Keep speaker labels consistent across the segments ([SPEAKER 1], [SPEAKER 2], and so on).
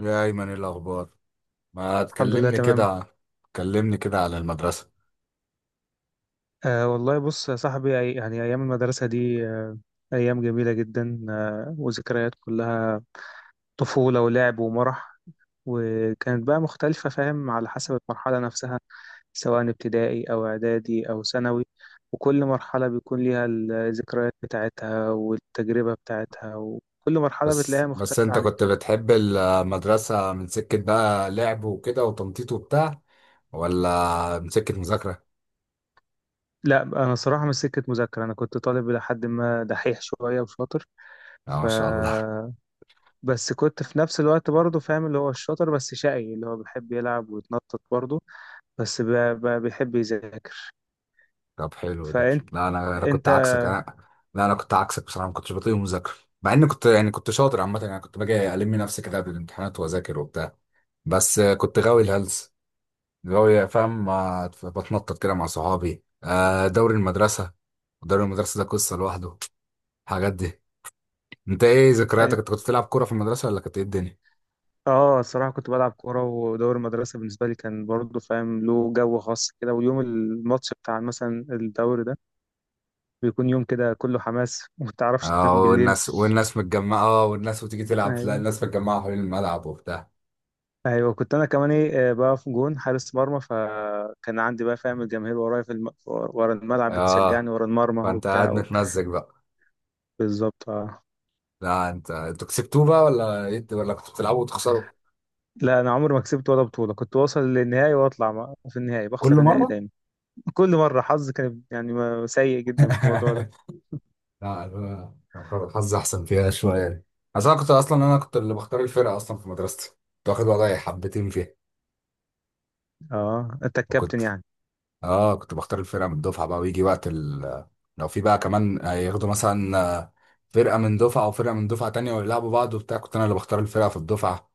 [SPEAKER 1] يا أيمن إيه الأخبار؟ ما
[SPEAKER 2] الحمد لله
[SPEAKER 1] تكلمني
[SPEAKER 2] تمام.
[SPEAKER 1] كده، تكلمني كده على المدرسة.
[SPEAKER 2] آه والله، بص يا صاحبي، يعني أيام المدرسة دي أيام جميلة جدا، وذكريات كلها طفولة ولعب ومرح. وكانت بقى مختلفة، فاهم، على حسب المرحلة نفسها، سواء ابتدائي أو إعدادي أو ثانوي. وكل مرحلة بيكون ليها الذكريات بتاعتها والتجربة بتاعتها، وكل مرحلة
[SPEAKER 1] بس
[SPEAKER 2] بتلاقيها
[SPEAKER 1] بس
[SPEAKER 2] مختلفة
[SPEAKER 1] أنت
[SPEAKER 2] عن
[SPEAKER 1] كنت
[SPEAKER 2] التانية.
[SPEAKER 1] بتحب المدرسة من سكة بقى لعب وكده وتنطيط وبتاع، ولا من سكة مذاكرة؟
[SPEAKER 2] لا، أنا صراحة مش سكة مذاكرة، أنا كنت طالب لحد ما، دحيح شوية وشاطر.
[SPEAKER 1] آه
[SPEAKER 2] ف
[SPEAKER 1] ما شاء الله.
[SPEAKER 2] بس كنت في نفس الوقت برضه فاهم، اللي هو الشاطر بس شقي، اللي هو بيحب يلعب ويتنطط برضه، بس بيحب يذاكر.
[SPEAKER 1] طب حلو ده.
[SPEAKER 2] فانت
[SPEAKER 1] لا أنا كنت
[SPEAKER 2] انت
[SPEAKER 1] عكسك. أنا لا أنا كنت عكسك بصراحة، ما كنتش بطيق مذاكرة. مع إني كنت يعني كنت شاطر عامة، يعني كنت باجي ألم نفسي كده قبل الامتحانات وأذاكر وبتاع، بس كنت غاوي الهلس. اللي هو يا فاهم بتنطط كده مع صحابي آه، دوري المدرسة. دوري المدرسة ده قصة لوحده. الحاجات دي، انت ايه ذكرياتك؟ انت
[SPEAKER 2] أيوة.
[SPEAKER 1] كنت بتلعب كورة في المدرسة ولا كانت ايه الدنيا؟
[SPEAKER 2] اه، الصراحه كنت بلعب كوره، ودوري المدرسه بالنسبه لي كان برضه، فاهم، له جو خاص كده، ويوم الماتش بتاع مثلا الدوري ده بيكون يوم كده كله حماس، وما تعرفش
[SPEAKER 1] اه،
[SPEAKER 2] تنام بالليل.
[SPEAKER 1] والناس متجمعة. اه والناس وتيجي تلعب. لا
[SPEAKER 2] ايوه،
[SPEAKER 1] الناس متجمعة حوالين الملعب وبتاع.
[SPEAKER 2] ايوه، كنت انا كمان ايه، بقى في جون حارس مرمى، فكان عندي بقى، فاهم، الجماهير ورايا ورا الملعب بتشجعني
[SPEAKER 1] اه،
[SPEAKER 2] ورا المرمى
[SPEAKER 1] فانت قاعد
[SPEAKER 2] وبتاع.
[SPEAKER 1] متمزج بقى.
[SPEAKER 2] بالظبط اه.
[SPEAKER 1] لا انت، انتوا كسبتوه بقى ولا ايه، ولا كنتوا بتلعبوا وتخسروا؟
[SPEAKER 2] لا، انا عمري ما كسبت ولا بطوله، كنت واصل للنهائي واطلع في النهائي
[SPEAKER 1] كل
[SPEAKER 2] بخسر النهائي
[SPEAKER 1] مرة.
[SPEAKER 2] دايما. كل مره حظي كان، يعني، سيء جدا في الموضوع ده.
[SPEAKER 1] لا أنا كان حظي أحسن فيها شوية، عشان أنا كنت أصلا، أنا كنت اللي بختار الفرقة أصلا في مدرستي. كنت واخد وضعي حبتين فيها.
[SPEAKER 2] اه، انت
[SPEAKER 1] وكنت
[SPEAKER 2] الكابتن يعني.
[SPEAKER 1] آه، كنت بختار الفرقة من الدفعة بقى، لو في بقى كمان هياخدوا مثلا آه، فرقة من دفعة وفرقة من دفعة تانية ويلعبوا بعض وبتاع، كنت أنا اللي بختار الفرقة في الدفعة.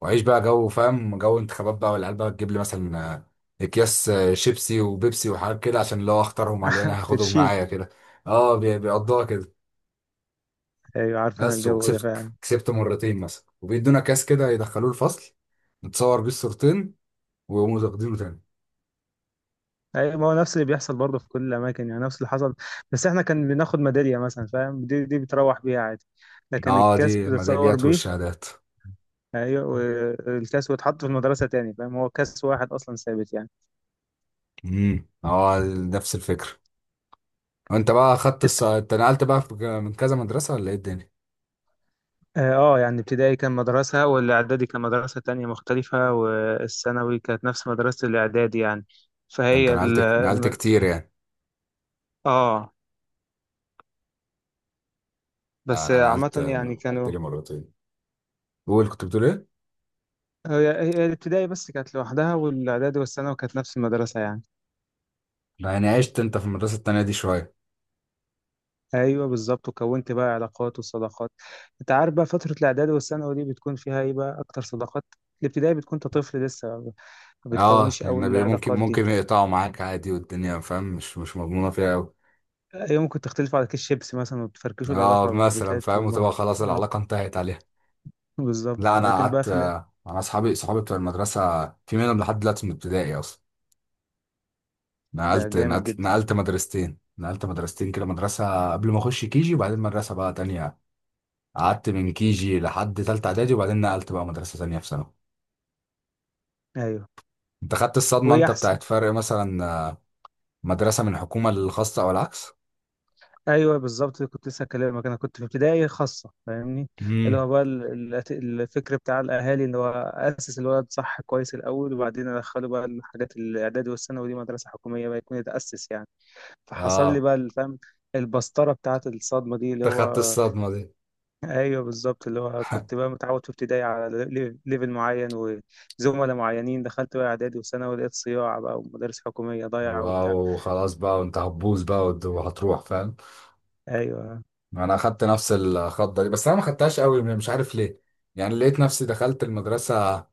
[SPEAKER 1] وأعيش بقى جو فاهم، جو انتخابات بقى، والعيال بقى تجيب لي مثلا آه، أكياس آه، شيبسي وبيبسي وحاجات كده، عشان لو أختارهم على اللي أنا هاخدهم
[SPEAKER 2] ترشيك.
[SPEAKER 1] معايا كده. آه بيقضوها كده.
[SPEAKER 2] ايوه، عارف انا
[SPEAKER 1] بس
[SPEAKER 2] الجو ده
[SPEAKER 1] وكسبت
[SPEAKER 2] فعلا.
[SPEAKER 1] كسبت مرتين مثلا، وبيدونا كاس كده يدخلوه الفصل، نتصور بيه الصورتين ويقوموا واخدينه تاني.
[SPEAKER 2] ايوه، ما هو نفس اللي بيحصل برضه في كل الاماكن، يعني نفس اللي حصل. بس احنا كان بناخد ميداليه مثلا، فاهم، دي بتروح بيها عادي، لكن
[SPEAKER 1] اه
[SPEAKER 2] الكاس
[SPEAKER 1] دي
[SPEAKER 2] بتتصور
[SPEAKER 1] الميداليات
[SPEAKER 2] بيه.
[SPEAKER 1] والشهادات.
[SPEAKER 2] ايوه، والكاس ويتحط في المدرسه تاني، فاهم، هو كاس واحد اصلا ثابت يعني.
[SPEAKER 1] اه نفس الفكرة. وانت بقى خدت انت من كذا مدرسة ولا ايه الدنيا؟
[SPEAKER 2] اه، يعني ابتدائي كان مدرسة، والاعدادي كان مدرسة تانية مختلفة، والثانوي كانت نفس مدرسة الاعدادي يعني،
[SPEAKER 1] ده انت
[SPEAKER 2] فهي
[SPEAKER 1] نقلت كتير يعني.
[SPEAKER 2] اه،
[SPEAKER 1] آه،
[SPEAKER 2] بس
[SPEAKER 1] انا نقلت
[SPEAKER 2] عامة يعني
[SPEAKER 1] نقلت
[SPEAKER 2] كانوا.
[SPEAKER 1] لي مرتين. قول، كنت بتقول ايه؟
[SPEAKER 2] هي الابتدائي بس كانت لوحدها، والاعدادي والثانوي كانت نفس المدرسة يعني.
[SPEAKER 1] يعني عشت انت في المدرسة التانية دي شوية.
[SPEAKER 2] ايوه بالظبط، وكونت بقى علاقات وصداقات. انت عارف بقى، فترة الاعدادي والثانوي دي بتكون فيها ايه بقى، اكتر صداقات. الابتدائي بتكون انت طفل لسه، ما
[SPEAKER 1] اه
[SPEAKER 2] بتكونش اول
[SPEAKER 1] النبي، ممكن
[SPEAKER 2] العلاقات دي.
[SPEAKER 1] ممكن يقطعوا معاك عادي، والدنيا فاهم، مش مضمونة فيها قوي.
[SPEAKER 2] يمكن تختلفوا على كيس شيبسي مثلا وتفركشوا
[SPEAKER 1] اه
[SPEAKER 2] العلاقة
[SPEAKER 1] مثلا فاهم،
[SPEAKER 2] بتاعتكم بقى.
[SPEAKER 1] وتبقى خلاص
[SPEAKER 2] آه.
[SPEAKER 1] العلاقة انتهت عليها.
[SPEAKER 2] بالظبط،
[SPEAKER 1] لا انا
[SPEAKER 2] لكن بقى
[SPEAKER 1] قعدت،
[SPEAKER 2] في ال-
[SPEAKER 1] انا صحابي بتوع المدرسه، في منهم لحد دلوقتي من ابتدائي اصلا.
[SPEAKER 2] ده
[SPEAKER 1] نقلت
[SPEAKER 2] جامد
[SPEAKER 1] نقلت
[SPEAKER 2] جدا.
[SPEAKER 1] نقلت مدرستين نقلت مدرستين كده، مدرسه قبل ما اخش كيجي، وبعدين مدرسه بقى تانية. قعدت من كيجي لحد تالتة اعدادي، وبعدين نقلت بقى مدرسه تانية في ثانوي.
[SPEAKER 2] ايوه،
[SPEAKER 1] انت خدت الصدمه
[SPEAKER 2] وهي
[SPEAKER 1] انت
[SPEAKER 2] احسن.
[SPEAKER 1] بتاعت فرق مثلا آه، مدرسه من حكومه للخاصه او العكس؟
[SPEAKER 2] ايوه بالظبط، كنت لسه هكلمك، انا كنت في ابتدائي خاصه، فاهمني؟ اللي
[SPEAKER 1] امم
[SPEAKER 2] هو بقى الفكر بتاع الاهالي، اللي هو اسس الولد صح كويس الاول، وبعدين ادخله بقى الحاجات، الاعدادي والثانوي دي مدرسه حكوميه بقى، يكون يتاسس يعني. فحصل لي
[SPEAKER 1] اه،
[SPEAKER 2] بقى الفهم، البسطره بتاعت الصدمه دي اللي
[SPEAKER 1] انت خدت
[SPEAKER 2] هو.
[SPEAKER 1] الصدمه دي.
[SPEAKER 2] ايوه بالظبط، اللي هو كنت بقى متعود في ابتدائي على ليفل معين، وزملاء معينين، دخلت بقى اعدادي وثانوي لقيت صياع بقى، ومدارس حكوميه ضايعه وبتاع.
[SPEAKER 1] واو خلاص بقى، وانت هتبوظ بقى وهتروح فاهم.
[SPEAKER 2] ايوه،
[SPEAKER 1] انا اخدت نفس الخضه دي، بس انا ما خدتهاش قوي، مش عارف ليه. يعني لقيت نفسي دخلت المدرسه،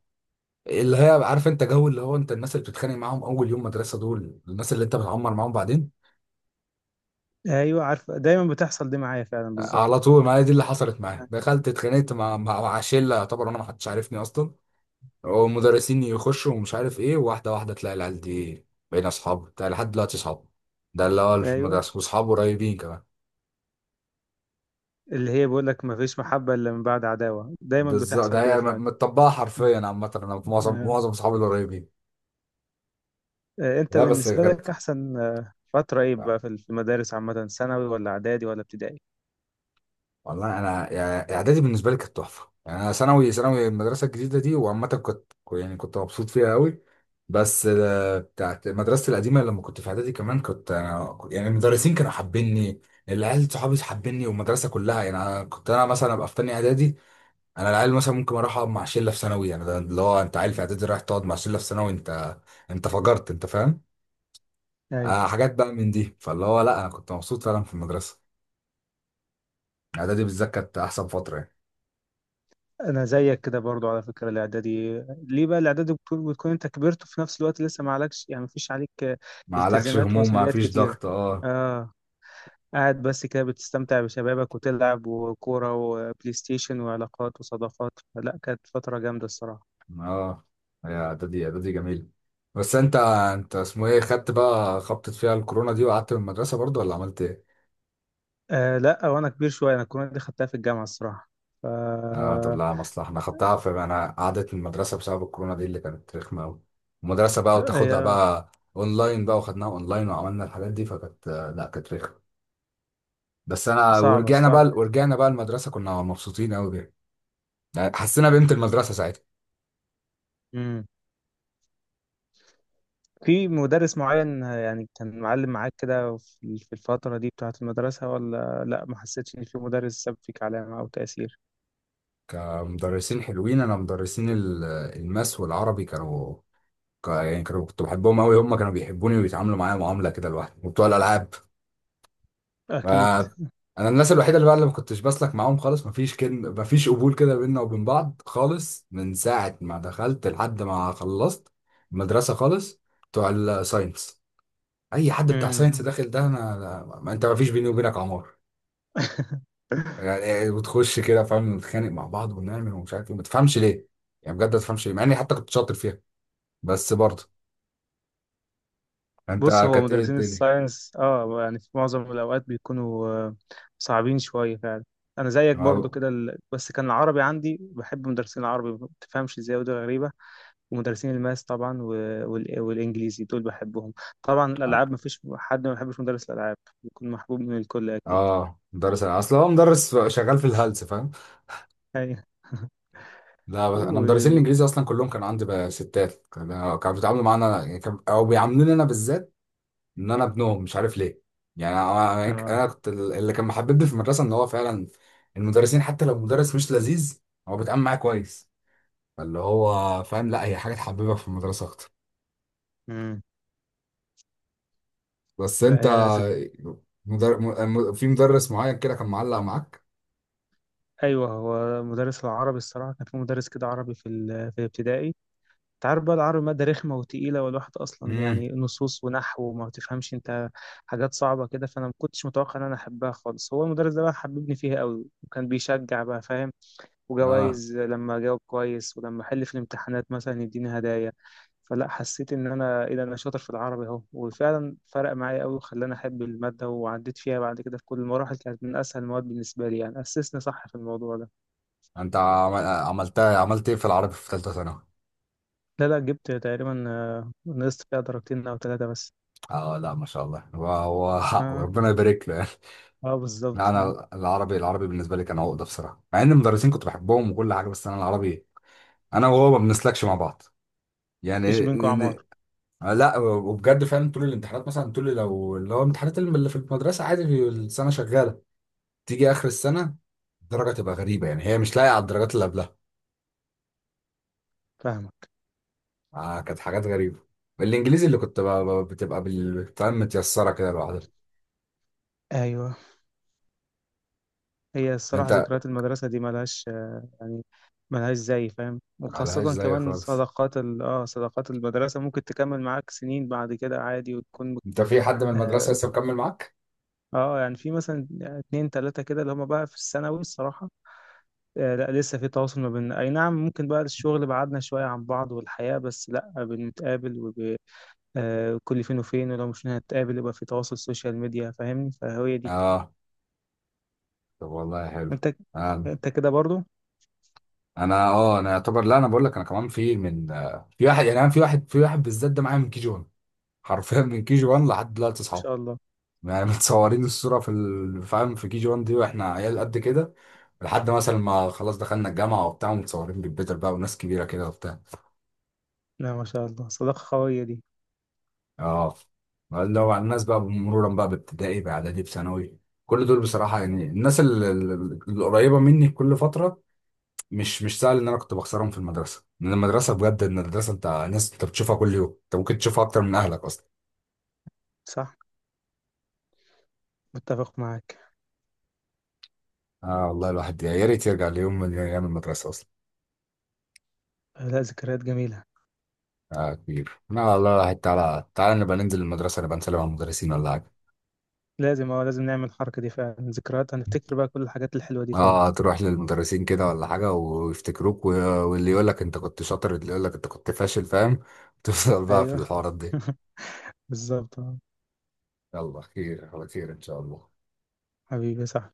[SPEAKER 1] اللي هي عارف انت جو، اللي هو انت الناس اللي بتتخانق معاهم اول يوم مدرسه، دول الناس اللي انت بتعمر معاهم بعدين.
[SPEAKER 2] ايوه، عارفه، دايما بتحصل دي معايا فعلا
[SPEAKER 1] على
[SPEAKER 2] بالظبط.
[SPEAKER 1] طول، ما هي دي اللي حصلت معايا. دخلت اتخانقت مع مع شله، يعتبر انا ما حدش عارفني اصلا، ومدرسين يخشوا ومش عارف ايه، واحده واحده تلاقي العيال دي بقينا اصحاب بتاع لحد دلوقتي اصحاب. ده اللي هو في
[SPEAKER 2] ايوه،
[SPEAKER 1] المدرسه، واصحابه قريبين كمان.
[SPEAKER 2] اللي هي بيقول لك، ما فيش محبه الا من بعد عداوه، دايما
[SPEAKER 1] بالظبط، ده
[SPEAKER 2] بتحصل كده
[SPEAKER 1] هي
[SPEAKER 2] فعلا.
[SPEAKER 1] مطبقه حرفيا.
[SPEAKER 2] مم.
[SPEAKER 1] عامه انا معظم
[SPEAKER 2] آه.
[SPEAKER 1] معظم اصحابي القريبين.
[SPEAKER 2] آه. انت
[SPEAKER 1] لا بس
[SPEAKER 2] بالنسبه
[SPEAKER 1] كانت،
[SPEAKER 2] لك احسن فتره ايه
[SPEAKER 1] لا،
[SPEAKER 2] بقى في المدارس عامه، ثانوي ولا اعدادي ولا ابتدائي؟
[SPEAKER 1] والله انا يعني اعدادي بالنسبه لي كانت تحفه يعني. انا ثانوي المدرسه الجديده دي وعامه كنت يعني كنت مبسوط فيها قوي. بس آه، بتاعت مدرستي القديمه لما كنت في اعدادي كمان، كنت انا يعني المدرسين كانوا حابيني، العيال صحابي حابيني، والمدرسه كلها يعني. انا كنت انا مثلا ابقى في تاني اعدادي، انا العيال مثلا ممكن اروح اقعد مع شله في ثانوي. يعني ده اللي هو انت عيل في اعدادي رايح تقعد مع شله في ثانوي، انت انت فجرت انت فاهم.
[SPEAKER 2] ايوه،
[SPEAKER 1] آه، حاجات بقى من دي، فاللي هو لا انا كنت مبسوط فعلا في المدرسه. اعدادي بالذات كانت احسن فتره يعني.
[SPEAKER 2] انا زيك كده برضو، على فكره الاعدادي، ليه بقى؟ الاعدادي بتكون انت كبرت، وفي نفس الوقت لسه ما عليكش، يعني ما فيش عليك
[SPEAKER 1] ما عليكش
[SPEAKER 2] التزامات
[SPEAKER 1] هموم، ما
[SPEAKER 2] ومسؤوليات
[SPEAKER 1] فيش
[SPEAKER 2] كتيره.
[SPEAKER 1] ضغط اه.
[SPEAKER 2] اه، قاعد بس كده بتستمتع بشبابك، وتلعب وكورة وبلاي ستيشن وعلاقات وصداقات، لا كانت فترة جامدة الصراحة.
[SPEAKER 1] اه يا اعدادي، اعدادي جميل. بس انت انت اسمه ايه، خدت بقى، خبطت فيها الكورونا دي وقعدت من المدرسه برضو، ولا عملت ايه؟
[SPEAKER 2] آه لا، وأنا كبير شوية، أنا الكورونا دي خدتها في الجامعة الصراحة. ف
[SPEAKER 1] اه طب
[SPEAKER 2] آه،
[SPEAKER 1] لا مصلحه، انا خدتها في، انا قعدت من المدرسه بسبب الكورونا دي اللي كانت رخمه قوي. المدرسه بقى
[SPEAKER 2] هي
[SPEAKER 1] وتاخدها بقى اونلاين بقى، وخدناها اونلاين وعملنا الحاجات دي، فكانت لا كانت رخمه. بس انا،
[SPEAKER 2] صعبة
[SPEAKER 1] ورجعنا بقى
[SPEAKER 2] صعبة جدا.
[SPEAKER 1] ورجعنا بقى المدرسه كنا مبسوطين قوي بيها. يعني حسينا بقيمه المدرسه ساعتها.
[SPEAKER 2] مم. في مدرس معين، يعني كان معلم معاك كده في الفترة دي بتاعة المدرسة، ولا لا، ما حسيتش إن في مدرس ساب فيك علامة أو تأثير؟
[SPEAKER 1] كمدرسين حلوين، انا مدرسين الماس والعربي كانوا يعني كنت بحبهم قوي، هم كانوا بيحبوني وبيتعاملوا معايا معامله كده لوحدي، وبتوع الالعاب. ف-
[SPEAKER 2] أكيد.
[SPEAKER 1] انا الناس الوحيده اللي بقى اللي ما كنتش بسلك معاهم خالص، مفيش كلمه، مفيش قبول كده بيننا وبين بعض خالص، من ساعه ما دخلت لحد ما خلصت المدرسه خالص، بتوع الساينس. اي حد بتاع
[SPEAKER 2] مم.
[SPEAKER 1] ساينس داخل ده، انا ما انت مفيش بيني وبينك عمار. يعني وتخش كده فاهم، نتخانق مع بعض ونعمل ومش عارف ايه، ما تفهمش ليه. يعني بجد ما تفهمش ليه، مع اني حتى كنت شاطر فيها، بس برضه.
[SPEAKER 2] بص،
[SPEAKER 1] انت
[SPEAKER 2] هو
[SPEAKER 1] كانت
[SPEAKER 2] مدرسين
[SPEAKER 1] ايه
[SPEAKER 2] الساينس يعني في معظم الأوقات بيكونوا صعبين شوية فعلا. أنا زيك برضو
[SPEAKER 1] الدنيا؟
[SPEAKER 2] كده بس كان العربي عندي، بحب مدرسين العربي، ما بتفهمش ازاي، ودي غريبة. ومدرسين الماس طبعا والإنجليزي دول بحبهم. طبعا الألعاب مفيش حد ما بيحبش مدرس الألعاب، بيكون محبوب من الكل أكيد.
[SPEAKER 1] اه مدرس، اصل هو مدرس شغال في الهلس فاهم.
[SPEAKER 2] أيوة
[SPEAKER 1] لا انا مدرسين
[SPEAKER 2] و...
[SPEAKER 1] الانجليزي اصلا كلهم كانوا عندي بقى ستات، كانوا بيتعاملوا معانا يعني او بيعاملوني انا بالذات ان انا ابنهم، مش عارف ليه. يعني انا،
[SPEAKER 2] آه.
[SPEAKER 1] كنت اللي كان محببني في المدرسه ان هو فعلا المدرسين حتى لو مدرس مش لذيذ، هو بيتعامل معايا كويس، فاللي هو فاهم، لا هي حاجه تحببك في المدرسه اكتر.
[SPEAKER 2] مم.
[SPEAKER 1] بس
[SPEAKER 2] لا
[SPEAKER 1] انت
[SPEAKER 2] يا زك...
[SPEAKER 1] مدر... في مدرس معين كده كان معلق معاك؟
[SPEAKER 2] أيوة، هو مدرس العربي الصراحة كان، في مدرس كده عربي في في الابتدائي. انت عارف بقى، العربي مادة رخمة وتقيلة، والواحد أصلا
[SPEAKER 1] امم
[SPEAKER 2] يعني نصوص ونحو، وما تفهمش أنت، حاجات صعبة كده، فأنا ما كنتش متوقع إن أنا أحبها خالص. هو المدرس ده بقى حببني فيها قوي، وكان بيشجع بقى فاهم،
[SPEAKER 1] اه.
[SPEAKER 2] وجوائز لما أجاوب كويس، ولما أحل في الامتحانات مثلا يديني هدايا. فلا، حسيت إن أنا، إيه ده، أنا شاطر في العربي أهو، وفعلا فرق معايا قوي، وخلاني أحب المادة، وعديت فيها بعد كده. في كل المراحل كانت من أسهل المواد بالنسبة لي، يعني أسسني صح في الموضوع ده.
[SPEAKER 1] انت عملت عملت ايه في العربي في ثالثه ثانوي؟
[SPEAKER 2] لا لا، جبت تقريبا، نقصت فيها درجتين أو ثلاثة بس.
[SPEAKER 1] اه لا ما شاء الله، هو حق،
[SPEAKER 2] آه.
[SPEAKER 1] ربنا يبارك له يعني.
[SPEAKER 2] اه
[SPEAKER 1] لا
[SPEAKER 2] بالظبط اه.
[SPEAKER 1] انا العربي، العربي بالنسبه لي كان عقده بصراحه، مع ان المدرسين كنت بحبهم وكل حاجه، بس انا العربي، انا وهو ما بنسلكش مع بعض
[SPEAKER 2] مفيش
[SPEAKER 1] يعني.
[SPEAKER 2] بينكم
[SPEAKER 1] ن- ن-
[SPEAKER 2] عمار.
[SPEAKER 1] لا وبجد فعلا طول الامتحانات مثلا، طول لو اللي هو امتحانات اللي في المدرسه عادي في السنه شغاله، تيجي اخر السنه الدرجه تبقى غريبه، يعني هي مش لايقه على الدرجات اللي قبلها.
[SPEAKER 2] فاهمك.
[SPEAKER 1] آه كانت حاجات غريبه. الانجليزي اللي كنت بتبقى متيسره كده لوحدها.
[SPEAKER 2] ايوه، هي الصراحه
[SPEAKER 1] انت،
[SPEAKER 2] ذكريات المدرسه دي ملهاش يعني ملهاش زي، فاهم،
[SPEAKER 1] ملهاش
[SPEAKER 2] وخاصه
[SPEAKER 1] زي
[SPEAKER 2] كمان
[SPEAKER 1] خالص.
[SPEAKER 2] صداقات ال... اه صداقات المدرسه، ممكن تكمل معاك سنين بعد كده عادي، وتكون.
[SPEAKER 1] انت في حد من المدرسة
[SPEAKER 2] اه،
[SPEAKER 1] لسه مكمل معاك؟
[SPEAKER 2] يعني في مثلا اتنين تلاته كده اللي هم بقى في الثانوي الصراحه. آه لا، لسه في تواصل ما بيننا، اي نعم، ممكن بقى الشغل بعدنا شويه عن بعض، والحياه، بس لا بنتقابل. آه، كل فين وفين، ولو مش هنتقابل يبقى في تواصل سوشيال ميديا، فاهمني؟ فهي دي.
[SPEAKER 1] اه طب والله حلو.
[SPEAKER 2] انت
[SPEAKER 1] انا
[SPEAKER 2] انت كده برضو، ما
[SPEAKER 1] انا اه انا يعتبر، لا انا بقول لك انا كمان في من آه، في واحد يعني. انا في واحد، في واحد بالذات ده معايا من كي جي 1، حرفيا من كي جي 1 لحد دلوقتي اصحاب.
[SPEAKER 2] شاء الله.
[SPEAKER 1] يعني متصورين الصورة فاهم، في كي جي 1 دي واحنا عيال قد كده، لحد مثلا ما خلاص دخلنا الجامعة وبتاع، ومتصورين بالبيتر بقى وناس كبيرة كده وبتاع.
[SPEAKER 2] لا، ما شاء الله، صداقة قوية دي.
[SPEAKER 1] اه لو على الناس بقى، مرورا بقى بابتدائي باعدادي بثانوي، كل دول بصراحه يعني، الناس القريبه مني كل فتره، مش سهل ان انا كنت بخسرهم في المدرسه، لان المدرسه بجد، ان المدرسه انت ناس انت بتشوفها كل يوم، انت ممكن تشوفها اكتر من اهلك اصلا.
[SPEAKER 2] صح، متفق معاك.
[SPEAKER 1] اه والله الواحد يا ريت يرجع ليوم من ايام المدرسه اصلا.
[SPEAKER 2] لا، ذكريات جميلة.
[SPEAKER 1] اه كبير، لا والله الواحد تعالى تعالى نبقى ننزل المدرسه، نبقى نسلم على المدرسين ولا حاجه.
[SPEAKER 2] لازم نعمل الحركة دي فعلا، ذكريات هنفتكر بقى كل الحاجات الحلوة دي تاني.
[SPEAKER 1] اه تروح للمدرسين كده ولا حاجة ويفتكروك واللي يقول لك انت كنت شاطر، اللي يقول لك انت كنت فاشل فاهم، تفضل بقى في
[SPEAKER 2] ايوه
[SPEAKER 1] الحوارات دي.
[SPEAKER 2] بالظبط اه.
[SPEAKER 1] يلا خير على خير ان شاء الله.
[SPEAKER 2] حبيبي صح.